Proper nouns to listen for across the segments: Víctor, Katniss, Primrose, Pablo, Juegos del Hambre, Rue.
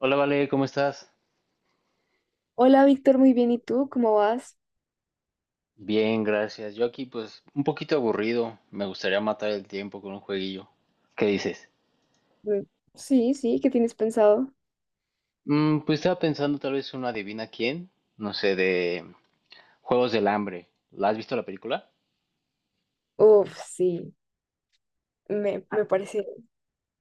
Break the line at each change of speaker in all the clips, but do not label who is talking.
Hola, Vale, ¿cómo estás?
Hola Víctor, muy bien. ¿Y tú? ¿Cómo vas?
Bien, gracias. Yo aquí pues un poquito aburrido. Me gustaría matar el tiempo con un jueguillo. ¿Qué dices?
Mm, Sí, sí, ¿qué tienes pensado?
Pues estaba pensando tal vez una adivina quién, no sé, de Juegos del Hambre. ¿La has visto la película?
Uf, sí, me, me
Ah,
parece,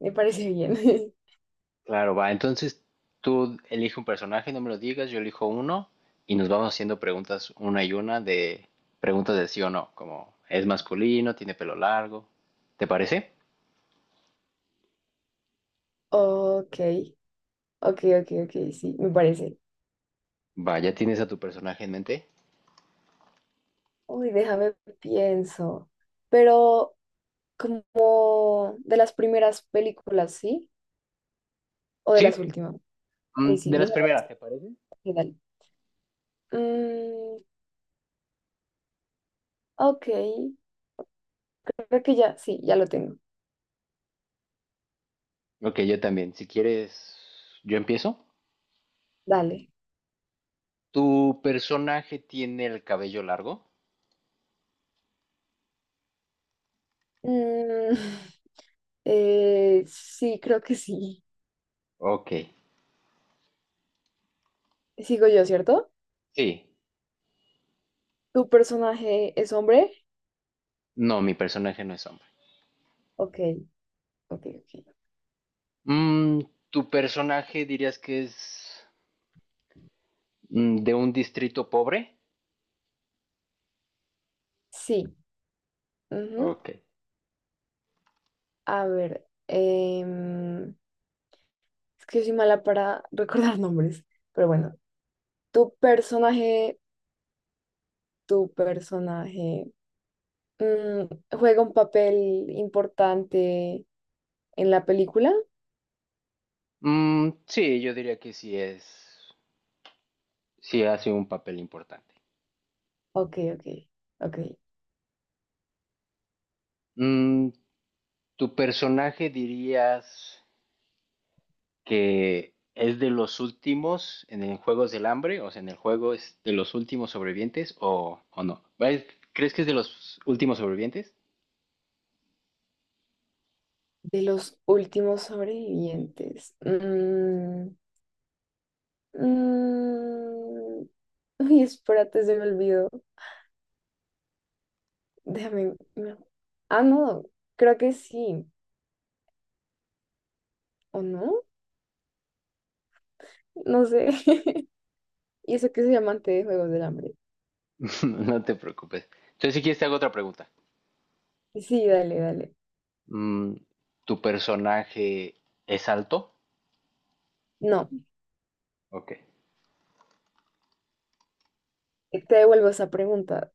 me parece bien.
claro, va. Entonces tú elige un personaje, no me lo digas, yo elijo uno y nos vamos haciendo preguntas una y una de preguntas de sí o no, como es masculino, tiene pelo largo. ¿Te parece?
Ok, ok, ok, ok, sí, me parece.
Va, ¿ya tienes a tu personaje en mente?
Uy, déjame pienso. Pero como de las primeras películas, ¿sí? ¿O de
Sí.
las últimas? Ok, sí,
De las
mejor
primeras, ¿te parece?
que dale. Mm, ok, creo que ya, sí, ya lo tengo.
Ok, yo también. Si quieres, yo empiezo.
Dale.
¿Tu personaje tiene el cabello largo?
Mm, sí, creo que sí.
Ok,
Sigo yo, ¿cierto?
sí.
¿Tu personaje es hombre?
No, mi personaje no es hombre.
Ok, ok, ok.
Mm, ¿Tu personaje dirías que es de un distrito pobre?
Sí, ujú.
Ok.
A ver, es que yo soy mala para recordar nombres, pero bueno. ¿Tu personaje, tu personaje, juega un papel importante en la película?
Sí, yo diría que sí es, sí hace un papel importante.
Ok, ok, ok.
Mm, ¿Tu personaje dirías que es de los últimos en el Juegos del Hambre, o sea, en el juego es de los últimos sobrevivientes o no? ¿Ves? ¿Crees que es de los últimos sobrevivientes?
De los últimos sobrevivientes. Mm, uy, espérate, se me olvidó. Déjame. No. Ah, no, creo que sí. ¿O no? No sé. ¿Y eso que soy amante de Juegos del Hambre?
No te preocupes. Entonces, si quieres, te hago otra pregunta.
Sí, dale, dale.
Mm, ¿Tu personaje es alto?
No,
Ok.
te devuelvo esa pregunta.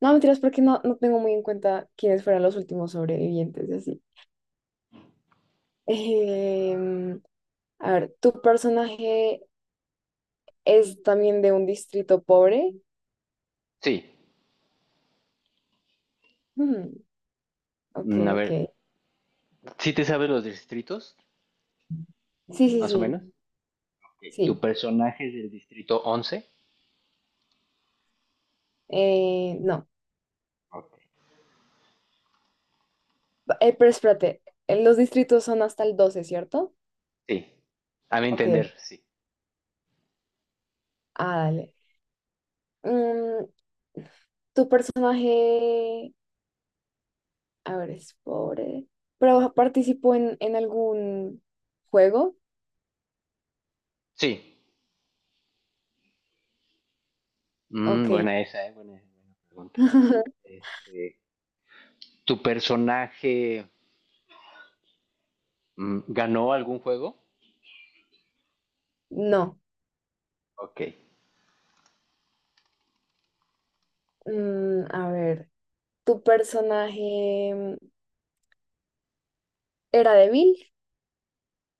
No, mentiras, porque no, no tengo muy en cuenta quiénes fueron los últimos sobrevivientes y así. Em, a ver, ¿tu personaje es también de un distrito pobre?
Sí.
Hmm, ok,
A
ok.
ver, ¿sí te sabes los distritos,
Sí, sí,
más o menos?
sí,
Ok. ¿Tu
sí.
personaje es del distrito once?
No.
Ok.
Pero espérate, los distritos son hasta el doce, ¿cierto?
Sí. A mi
Ok, ok.
entender, sí.
Ah, dale. Mm, ¿Tu personaje, a ver, es pobre, pero participó en algún juego?
Sí.
Ok.
Buena esa, ¿eh? Buena, buena pregunta. Este, ¿tu personaje ganó algún juego?
No.
Ok.
A ver, ¿tu personaje era débil,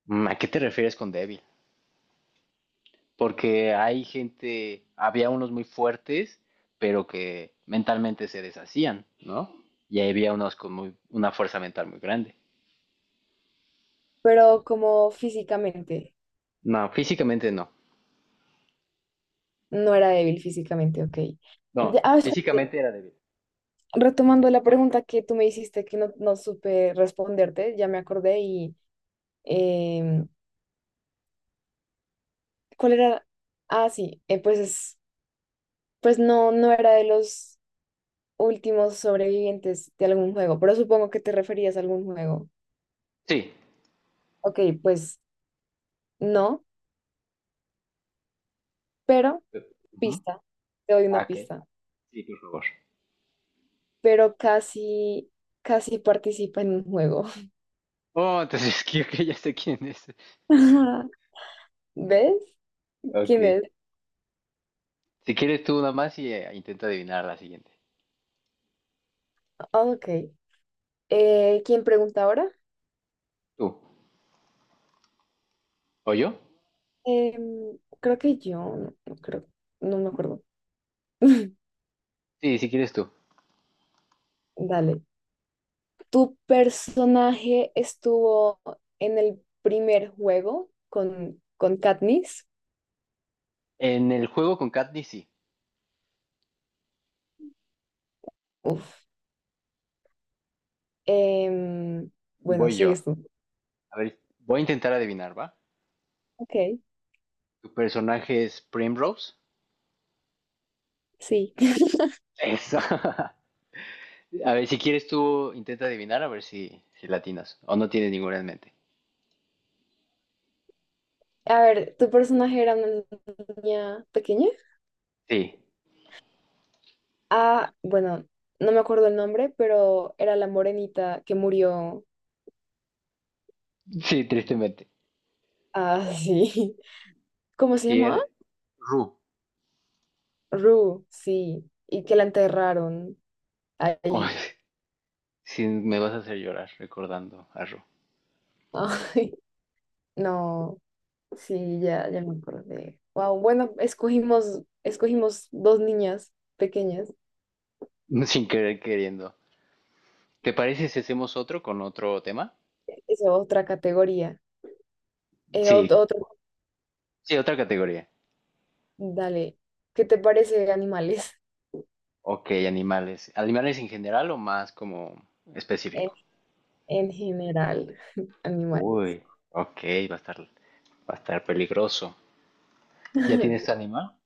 Mm, ¿a qué te refieres con débil? Porque hay gente, había unos muy fuertes, pero que mentalmente se deshacían, ¿no? Y había unos con muy, una fuerza mental muy grande.
pero como físicamente?
No, físicamente no.
No era débil físicamente, ok.
No,
Ah, espérate,
físicamente era débil.
retomando la pregunta que tú me hiciste que no, no supe responderte, ya me acordé y... em, ¿cuál era? Ah, sí, pues, pues no, no era de los últimos sobrevivientes de algún juego, pero supongo que te referías a algún juego.
Sí.
Ok, pues no, pero
Ujú.
pista, te doy una
Ah, ok.
pista,
Sí, por favor.
pero casi, casi participa en un juego.
Oh, entonces creo que ya sé quién es.
Ajá. ¿Ves?
Ok.
¿Quién es?
Si quieres tú nada más y intenta adivinar la siguiente.
Ah, ok. ¿Quién pregunta ahora?
¿Tú? ¿O yo?
Creo que yo, no, no creo, no me acuerdo.
Sí, si quieres tú.
Dale. ¿Tu personaje estuvo en el primer juego con Katniss?
En el juego con Katniss, sí.
Uf. Em, bueno,
Voy yo.
sigues tú.
A ver, voy a intentar adivinar, ¿va?
Ok,
¿Tu personaje es Primrose?
sí.
Eso. A ver, si quieres tú intenta adivinar, a ver si, si latinas. O no tienes ninguna en mente.
A ver, ¿tu personaje era una niña pequeña?
Sí,
Ah, bueno, no me acuerdo el nombre, pero era la morenita que murió.
sí, tristemente.
Ah, sí. ¿Cómo se
Si
llamaba?
eres Ru.
Rue, sí. Y que la enterraron
Oh,
ahí.
sí, me vas a hacer llorar recordando a Ru.
Ay, no. Sí, ya, ya me acordé. Wow, bueno, escogimos dos niñas pequeñas.
Sin querer queriendo. ¿Te parece si hacemos otro con otro tema?
Es otra categoría.
Sí,
Otro,
sí, otra categoría.
dale. ¿Qué te parece animales?
Ok, animales. ¿Animales en general o más como
En,
específico?
en general, animales.
Uy, ok, va a estar peligroso. ¿Ya tienes tu animal?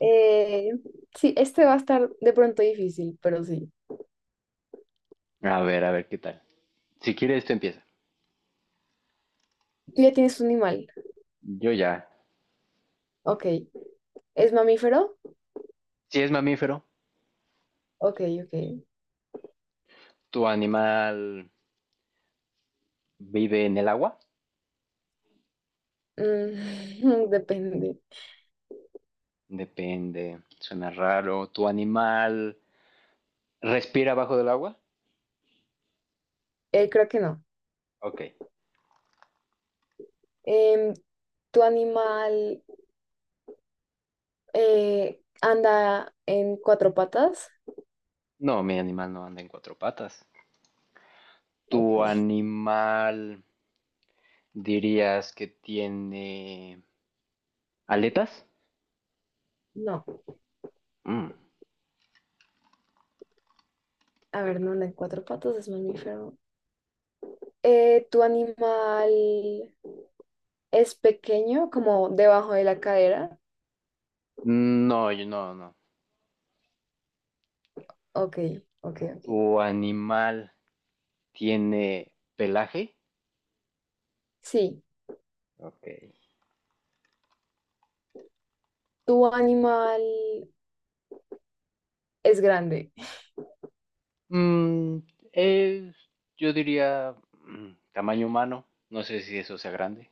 Eh, sí, este va a estar de pronto difícil, pero sí.
A ver qué tal. Si quieres, tú empieza.
Tú ya tienes un animal.
Yo ya.
Ok. ¿Es mamífero?
Si es mamífero,
Ok, ok.
¿tu animal vive en el agua?
Mm, depende.
Depende, suena raro. ¿Tu animal respira bajo del agua?
Creo que no.
Ok.
Em, ¿Tu animal anda en cuatro patas?
No, mi animal no anda en cuatro patas.
Ok.
¿Tu animal dirías que tiene aletas?
No,
Mm,
a ver, no anda en cuatro patas, es mamífero. ¿Tu animal es pequeño, como debajo de la cadera?
No, no, no.
Ok, ok, ok.
¿Tu animal tiene pelaje?
Sí.
Ok.
¿Tu animal es grande?
Mm, es, yo diría, tamaño humano. No sé si eso sea grande.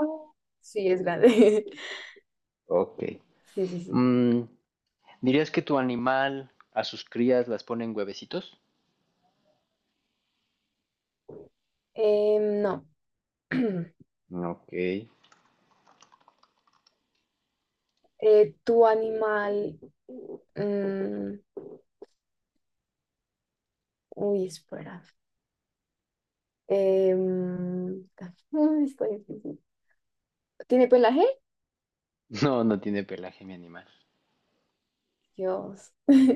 Oh, sí, es grande.
Ok.
Sí, sí, sí.
Mm, ¿Dirías que tu animal a sus crías las pone en huevecitos?
No.
Ok.
¿Tu animal... mm, uy, espera. em está difícil. ¿Tiene pelaje?
No, no tiene pelaje mi animal.
Dios.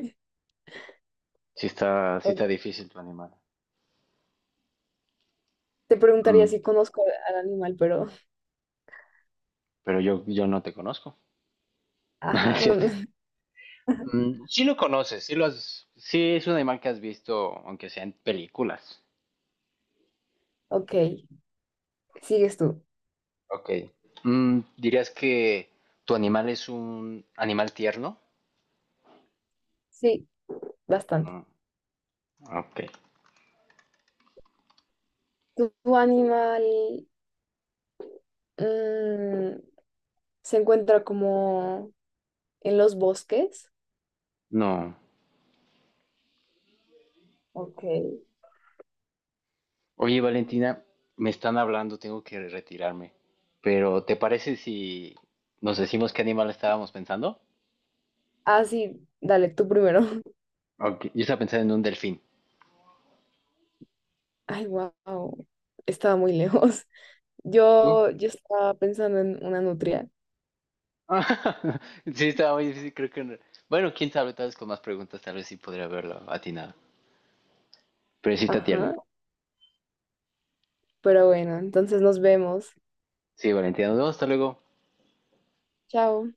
Sí está
O-
difícil tu animal.
te preguntaría
Mm,
si conozco al animal, pero...
pero yo no te conozco. No, es
Ajá, no
cierto.
me...
Sí lo conoces, sí, sí es un animal que has visto, aunque sea en películas.
Ok, sigues tú.
Ok. ¿Dirías que tu animal es un animal tierno?
Sí, bastante.
Mm, ok.
¿Tu, tu animal mm, se encuentra como en los bosques?
No.
Ok.
Oye, Valentina, me están hablando, tengo que retirarme. Pero, ¿te parece si nos decimos qué animal estábamos pensando?
Ah, sí, dale, tú primero.
Ok, yo estaba pensando en un delfín.
Ay, wow. Estaba muy lejos.
¿Tú?
Yo estaba pensando en una nutria.
Sí, estaba muy difícil, creo que no. Bueno, quién sabe, tal vez con más preguntas, tal vez sí podría haberlo atinado. Pero sí está
Ajá.
tierno.
Pero bueno, entonces nos vemos.
Sí, Valentina, nos vemos, hasta luego.
Chao.